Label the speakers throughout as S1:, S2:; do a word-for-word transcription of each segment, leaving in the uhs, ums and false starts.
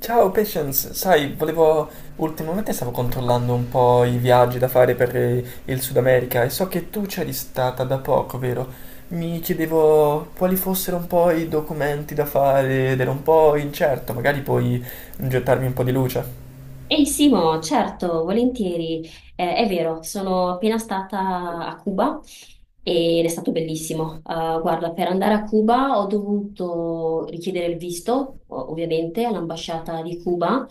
S1: Ciao Patience, sai, volevo, ultimamente stavo controllando un po' i viaggi da fare per eh, il Sud America e so che tu c'eri stata da poco, vero? Mi chiedevo quali fossero un po' i documenti da fare ed ero un po' incerto, magari puoi gettarmi un po' di luce.
S2: Ehi Simo, certo, volentieri. Eh, è vero, sono appena stata a Cuba ed è stato bellissimo. Eh, guarda, per andare a Cuba ho dovuto richiedere il visto, o- ovviamente, all'ambasciata di Cuba.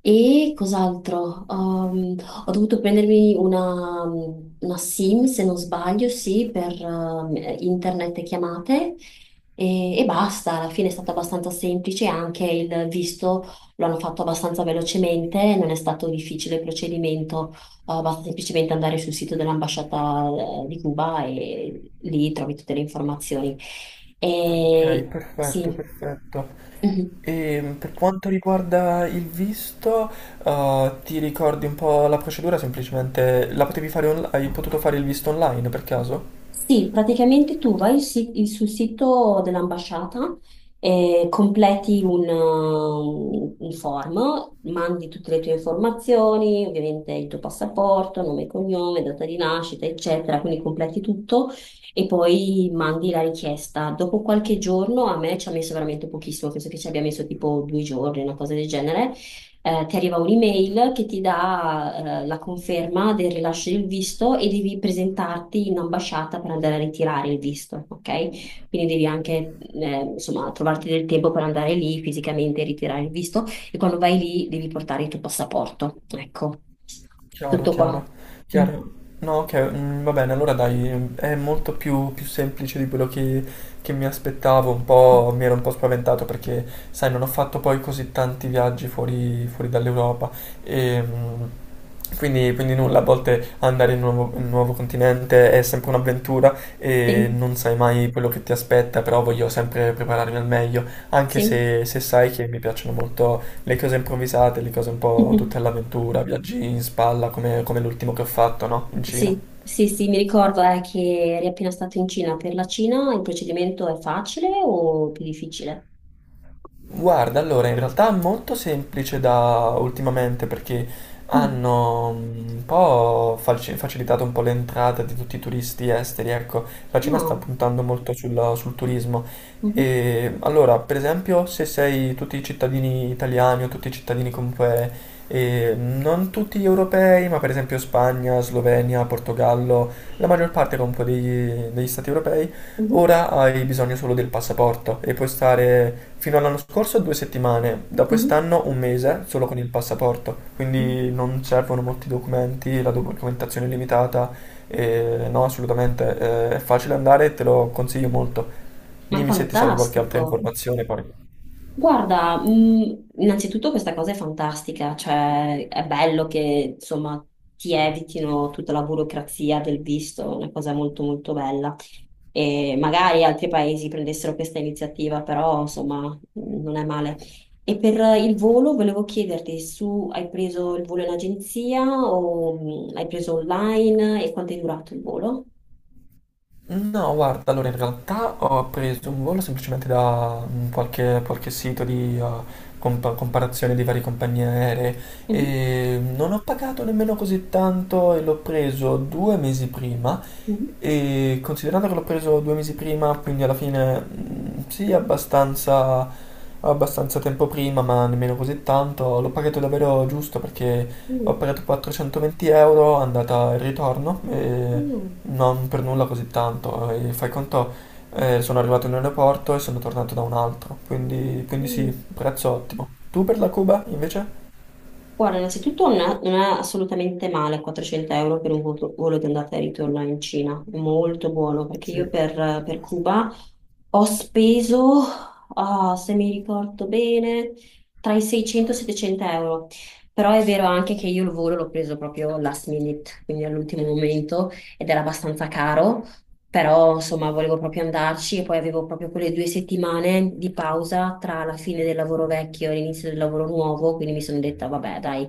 S2: E cos'altro? Um, ho dovuto prendermi una, una SIM, se non sbaglio, sì, per um, internet e chiamate. E, e basta, alla fine è stato abbastanza semplice anche il visto lo hanno fatto abbastanza velocemente, non è stato difficile il procedimento. Eh, basta semplicemente andare sul sito dell'ambasciata eh, di Cuba e lì trovi tutte le informazioni.
S1: Ok,
S2: E
S1: perfetto,
S2: sì.
S1: perfetto.
S2: Mhm.
S1: E per quanto riguarda il visto, eh, ti ricordi un po' la procedura? Semplicemente la potevi fare on- hai potuto fare il visto online per caso?
S2: Sì, praticamente tu vai si- sul sito dell'ambasciata, eh, completi un, uh, un form, mandi tutte le tue informazioni, ovviamente il tuo passaporto, nome e cognome, data di nascita, eccetera, quindi completi tutto e poi mandi la richiesta. Dopo qualche giorno, a me ci ha messo veramente pochissimo, penso che ci abbia messo tipo due giorni, una cosa del genere. Eh, ti arriva un'email che ti dà, eh, la conferma del rilascio del visto e devi presentarti in ambasciata per andare a ritirare il visto, ok? Quindi devi anche, eh, insomma, trovarti del tempo per andare lì fisicamente e ritirare il visto, e quando vai lì devi portare il tuo passaporto. Ecco,
S1: Chiaro,
S2: tutto qua.
S1: chiaro,
S2: Mm.
S1: chiaro. No, ok, mm, va bene, allora dai, è molto più, più semplice di quello che, che mi aspettavo, un po', mi ero un po' spaventato perché, sai, non ho fatto poi così tanti viaggi fuori, fuori dall'Europa e mm, quindi, quindi nulla, a volte andare in un nuovo, in un nuovo continente è sempre un'avventura e
S2: Sì,
S1: non sai mai quello che ti aspetta, però voglio sempre prepararmi al meglio, anche
S2: sì.
S1: se, se sai che mi piacciono molto le cose improvvisate, le cose un po' tutte all'avventura, viaggi in spalla come, come l'ultimo che ho fatto, no? In
S2: Sì,
S1: Cina.
S2: sì, sì, mi ricordo eh, che eri appena stato in Cina. Per la Cina il procedimento è facile o più difficile?
S1: Guarda, allora in realtà è molto semplice da ultimamente perché
S2: Mm.
S1: hanno mm, un po' falci- facilitato un po' l'entrata di tutti i turisti esteri, ecco, la Cina sta
S2: Oh,
S1: puntando molto sul, sul turismo.
S2: mhm,
S1: E allora, per esempio, se sei tutti i cittadini italiani o tutti i cittadini comunque, eh, non tutti europei, ma per esempio Spagna, Slovenia, Portogallo, la maggior parte comunque degli, degli stati europei,
S2: mhm,
S1: ora hai bisogno solo del passaporto e puoi stare fino all'anno scorso due settimane, da
S2: mhm,
S1: quest'anno un mese solo con il passaporto,
S2: mhm.
S1: quindi non servono molti documenti, la documentazione è limitata e no, assolutamente eh, è facile andare e te lo consiglio molto.
S2: Ma è
S1: Dimmi se ti serve qualche altra
S2: fantastico.
S1: informazione poi.
S2: Guarda, mh, innanzitutto questa cosa è fantastica, cioè è bello che insomma ti evitino tutta la burocrazia del visto, è una cosa molto molto bella. E magari altri paesi prendessero questa iniziativa, però insomma non è male. E per il volo volevo chiederti, su hai preso il volo in agenzia o mh, hai preso online e quanto è durato il volo?
S1: No, guarda, allora in realtà ho preso un volo semplicemente da mm, qualche, qualche sito di eh, compa- comparazione di varie compagnie aeree
S2: Mhm,
S1: e non ho pagato nemmeno così tanto e l'ho preso due mesi prima
S2: mhm.
S1: e considerando che l'ho preso due mesi prima, quindi alla fine mm, sì, abbastanza, abbastanza tempo prima, ma nemmeno così tanto, l'ho pagato davvero giusto perché ho
S2: Mm,
S1: pagato quattrocentoventi euro andata e ritorno. E
S2: mm,
S1: non per nulla così tanto, ehm, fai conto, ehm, sono arrivato in un aeroporto e sono tornato da un altro, quindi quindi sì,
S2: mm.
S1: prezzo ottimo. Tu per la Cuba invece?
S2: Guarda, innanzitutto non è, non è assolutamente male quattrocento euro per un volo, volo di andata e ritorno in Cina, è molto buono, perché
S1: Sì.
S2: io per, per Cuba ho speso, ah, se mi ricordo bene, tra i seicento e i settecento euro, però è vero anche che io il volo l'ho preso proprio last minute, quindi all'ultimo momento, ed era abbastanza caro. Però insomma volevo proprio andarci, e poi avevo proprio quelle due settimane di pausa tra la fine del lavoro vecchio e l'inizio del lavoro nuovo, quindi mi sono detta vabbè dai,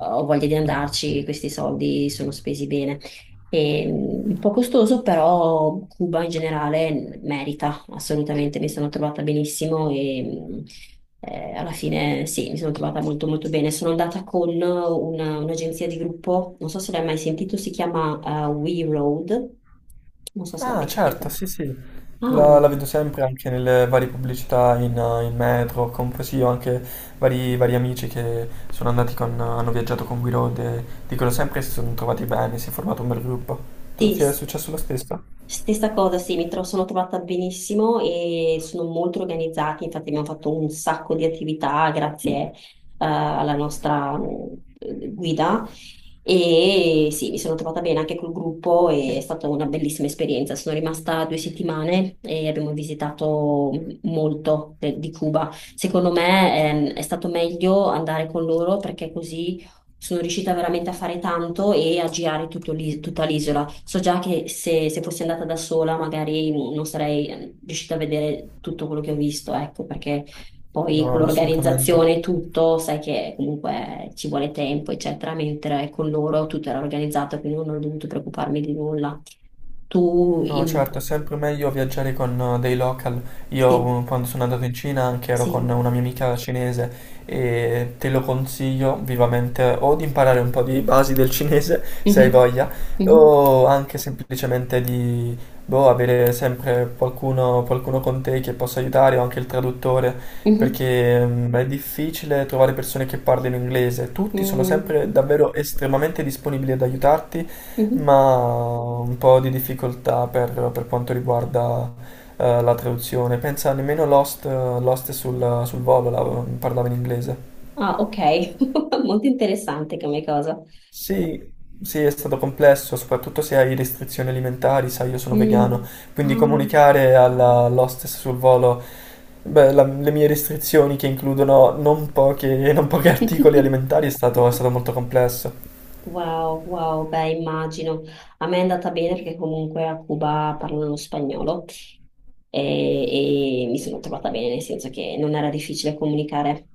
S2: ho voglia di andarci, questi soldi sono spesi bene. E, mm, un po' costoso, però Cuba in generale merita. Assolutamente, mi sono trovata benissimo e mh, eh, alla fine sì, mi sono trovata molto molto bene. Sono andata con una- un'agenzia di gruppo, non so se l'hai mai sentito, si chiama eh, We Road, non so se l'hai
S1: Ah
S2: mai sentito.
S1: certo, sì sì,
S2: Ah,
S1: la la vedo sempre anche nelle varie pubblicità in eh, in metro, comunque sì, ho anche vari vari amici che sono andati con hanno viaggiato con Guido e dicono sempre che si sono trovati bene, si è formato un bel gruppo. Tu ti è
S2: sì,
S1: successo lo stesso?
S2: stessa cosa, sì, mi tro- sono trovata benissimo e sono molto organizzati, infatti abbiamo fatto un sacco di attività grazie eh, alla nostra mm, eh, guida, e sì, mi sono trovata bene anche col gruppo e è stata una bellissima esperienza. Sono rimasta due settimane e abbiamo visitato molto de- di Cuba. Secondo me ehm, è stato meglio andare con loro perché così sono riuscita veramente a fare tanto e a girare tutto l'i- tutta l'isola. So già che se, se fossi andata da sola magari non sarei eh, riuscita a vedere tutto quello che ho visto, ecco, perché poi con
S1: No, assolutamente.
S2: l'organizzazione e tutto, sai che comunque ci vuole tempo, eccetera, mentre con loro tutto era organizzato, quindi non ho dovuto preoccuparmi di nulla. Tu,
S1: No,
S2: in...
S1: certo, è sempre meglio viaggiare con eh, dei local.
S2: Sì,
S1: Io eh, quando sono andato in Cina anche ero con
S2: sì.
S1: una mia amica cinese e te lo consiglio vivamente eh, o di imparare un po' di basi del cinese se hai
S2: Mhm.
S1: voglia
S2: Mhm.
S1: o anche semplicemente di boh, avere sempre qualcuno, qualcuno con te che possa aiutare o anche il traduttore
S2: Mhm.
S1: perché mm, è difficile trovare persone che parlino inglese. Tutti sono
S2: Mm.
S1: sempre davvero estremamente disponibili ad aiutarti
S2: Mhm.
S1: ma ho un po' di difficoltà per, per quanto riguarda eh, la traduzione. Pensa, nemmeno Lost, eh, Lost sul, sul volo la- parlava in inglese.
S2: Ah, ok, molto interessante come cosa.
S1: Sì, sì, è stato complesso, soprattutto se hai restrizioni alimentari, sai, io sono vegano,
S2: Mm.
S1: quindi
S2: Ah.
S1: comunicare alla all'hostess sul volo, beh, la- le mie restrizioni che includono non poche, non pochi articoli alimentari è stato, è stato molto complesso.
S2: Wow, wow, beh, immagino. A me è andata bene perché comunque a Cuba parlano spagnolo, e, e mi sono trovata bene, nel senso che non era difficile comunicare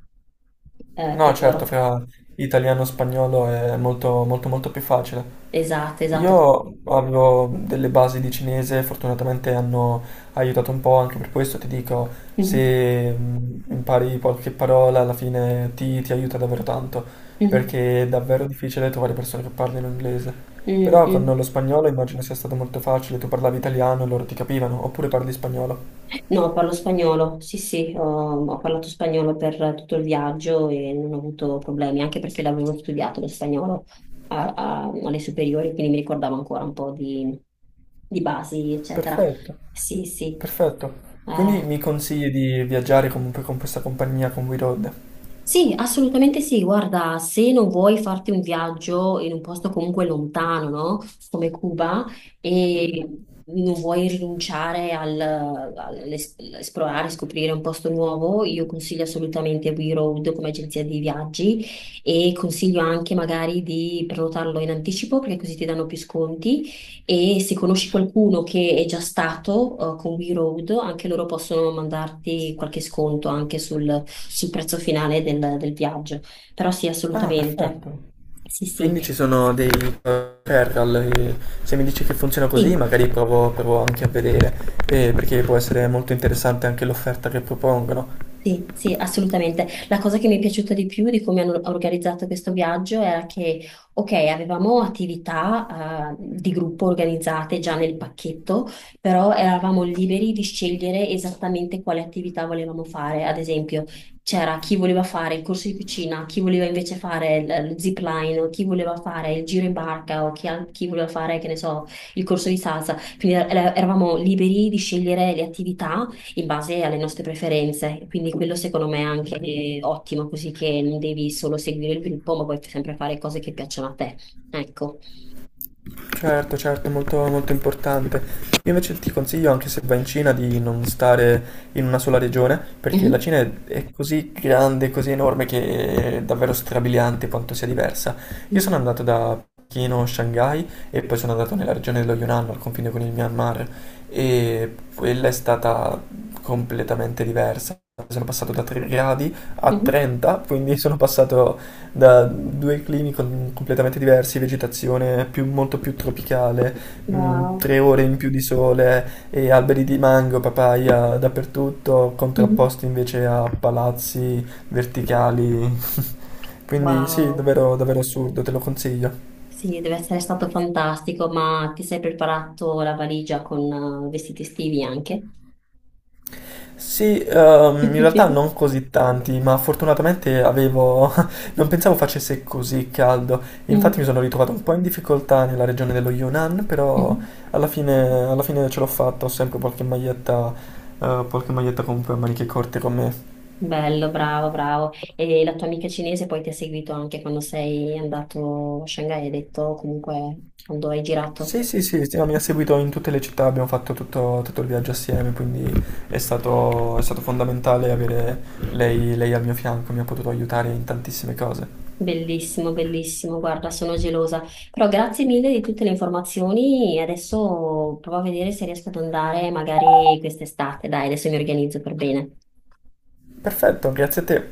S2: eh,
S1: No,
S2: con
S1: certo,
S2: loro.
S1: fra italiano e spagnolo è molto, molto, molto più facile.
S2: Esatto, esatto.
S1: Io avevo delle basi di cinese, fortunatamente hanno aiutato un po', anche per questo ti dico,
S2: Mhm,
S1: se mh, impari qualche parola alla fine ti, ti aiuta davvero tanto,
S2: mhm,
S1: perché è davvero difficile trovare persone che parlino inglese.
S2: mm,
S1: Però con
S2: mm.
S1: lo spagnolo immagino sia stato molto facile, tu parlavi italiano e loro ti capivano, oppure parli spagnolo.
S2: No, parlo spagnolo, sì sì, ho, ho parlato spagnolo per tutto il viaggio e non ho avuto problemi, anche perché l'avevo studiato lo spagnolo a- a- alle superiori, quindi mi ricordavo ancora un po' di, di basi, eccetera.
S1: Perfetto,
S2: Sì, sì.
S1: perfetto. Quindi
S2: Eh,
S1: mi consigli di viaggiare comunque con questa compagnia, con WeRoad?
S2: sì, assolutamente sì. Guarda, se non vuoi farti un viaggio in un posto comunque lontano, no? Come Cuba, e mhm, non vuoi rinunciare al, all'esplorare, scoprire un posto nuovo, io consiglio assolutamente We Road come agenzia di viaggi, e consiglio anche magari di prenotarlo in anticipo perché così ti danno più sconti. E se conosci qualcuno che è già stato eh, con We Road, anche loro possono mandarti qualche sconto anche sul, sul prezzo finale del, del viaggio. Però sì,
S1: Ah,
S2: assolutamente.
S1: perfetto.
S2: Sì,
S1: Quindi ci
S2: sì.
S1: sono dei referral, e se mi dici che funziona così
S2: Sì.
S1: magari provo, provo anche a vedere, eh, perché può essere molto interessante anche l'offerta che propongono.
S2: Sì, sì, assolutamente. La cosa che mi è piaciuta di più di come hanno organizzato questo viaggio era che, ok, avevamo attività, eh, di gruppo organizzate già nel pacchetto, però eravamo liberi di scegliere esattamente quale attività volevamo fare. Ad esempio, c'era chi voleva fare il corso di cucina, chi voleva invece fare il, il zip line, o chi voleva fare il giro in barca, o chi, al- chi voleva fare, che ne so, il corso di salsa. Quindi er- eravamo liberi di scegliere le attività in base alle nostre preferenze. Quindi quello secondo me è anche eh, ottimo, così che non devi solo seguire il gruppo, ma puoi sempre fare cose che piacciono a te. Ecco.
S1: Certo, certo, molto, molto importante. Io invece ti consiglio, anche se vai in Cina, di non stare in una sola regione, perché la
S2: Mhm.
S1: Cina è, è così grande, così enorme, che è davvero strabiliante quanto sia diversa. Io sono
S2: Mm.
S1: andato da Pechino, Shanghai, e poi sono andato nella regione dello Yunnan, al confine con il Myanmar, e quella è stata completamente diversa. Sono passato da tre gradi a
S2: Mhm.
S1: trenta, quindi sono passato da due climi con- completamente diversi, vegetazione più- molto più tropicale, mm,
S2: Wow.
S1: tre ore in più di sole e alberi di mango, papaya dappertutto,
S2: Mhm.
S1: contrapposti invece a palazzi verticali. Quindi sì,
S2: Wow,
S1: davvero, davvero assurdo, te lo consiglio.
S2: sì, deve essere stato fantastico, ma ti sei preparato la valigia con eh, vestiti estivi anche?
S1: Sì, ehm, in realtà non così tanti, ma fortunatamente avevo... non pensavo facesse così caldo. Infatti mi
S2: Mm.
S1: sono ritrovato un po' in difficoltà nella regione dello Yunnan, però
S2: Mhm.
S1: alla fine, alla fine ce l'ho fatta, ho sempre qualche maglietta, eh, qualche maglietta comunque a maniche corte con me.
S2: Bello, bravo, bravo. E la tua amica cinese poi ti ha seguito anche quando sei andato a Shanghai, hai detto, comunque quando hai girato?
S1: Sì, sì, sì, sì, no, mi ha seguito in tutte le città, abbiamo fatto tutto, tutto il viaggio assieme, quindi è stato, è stato fondamentale avere lei lei al mio fianco, mi ha potuto aiutare in tantissime cose.
S2: Bellissimo, bellissimo, guarda, sono gelosa. Però grazie mille di tutte le informazioni. Adesso provo a vedere se riesco ad andare magari quest'estate. Dai, adesso mi organizzo per bene.
S1: Perfetto, grazie a te.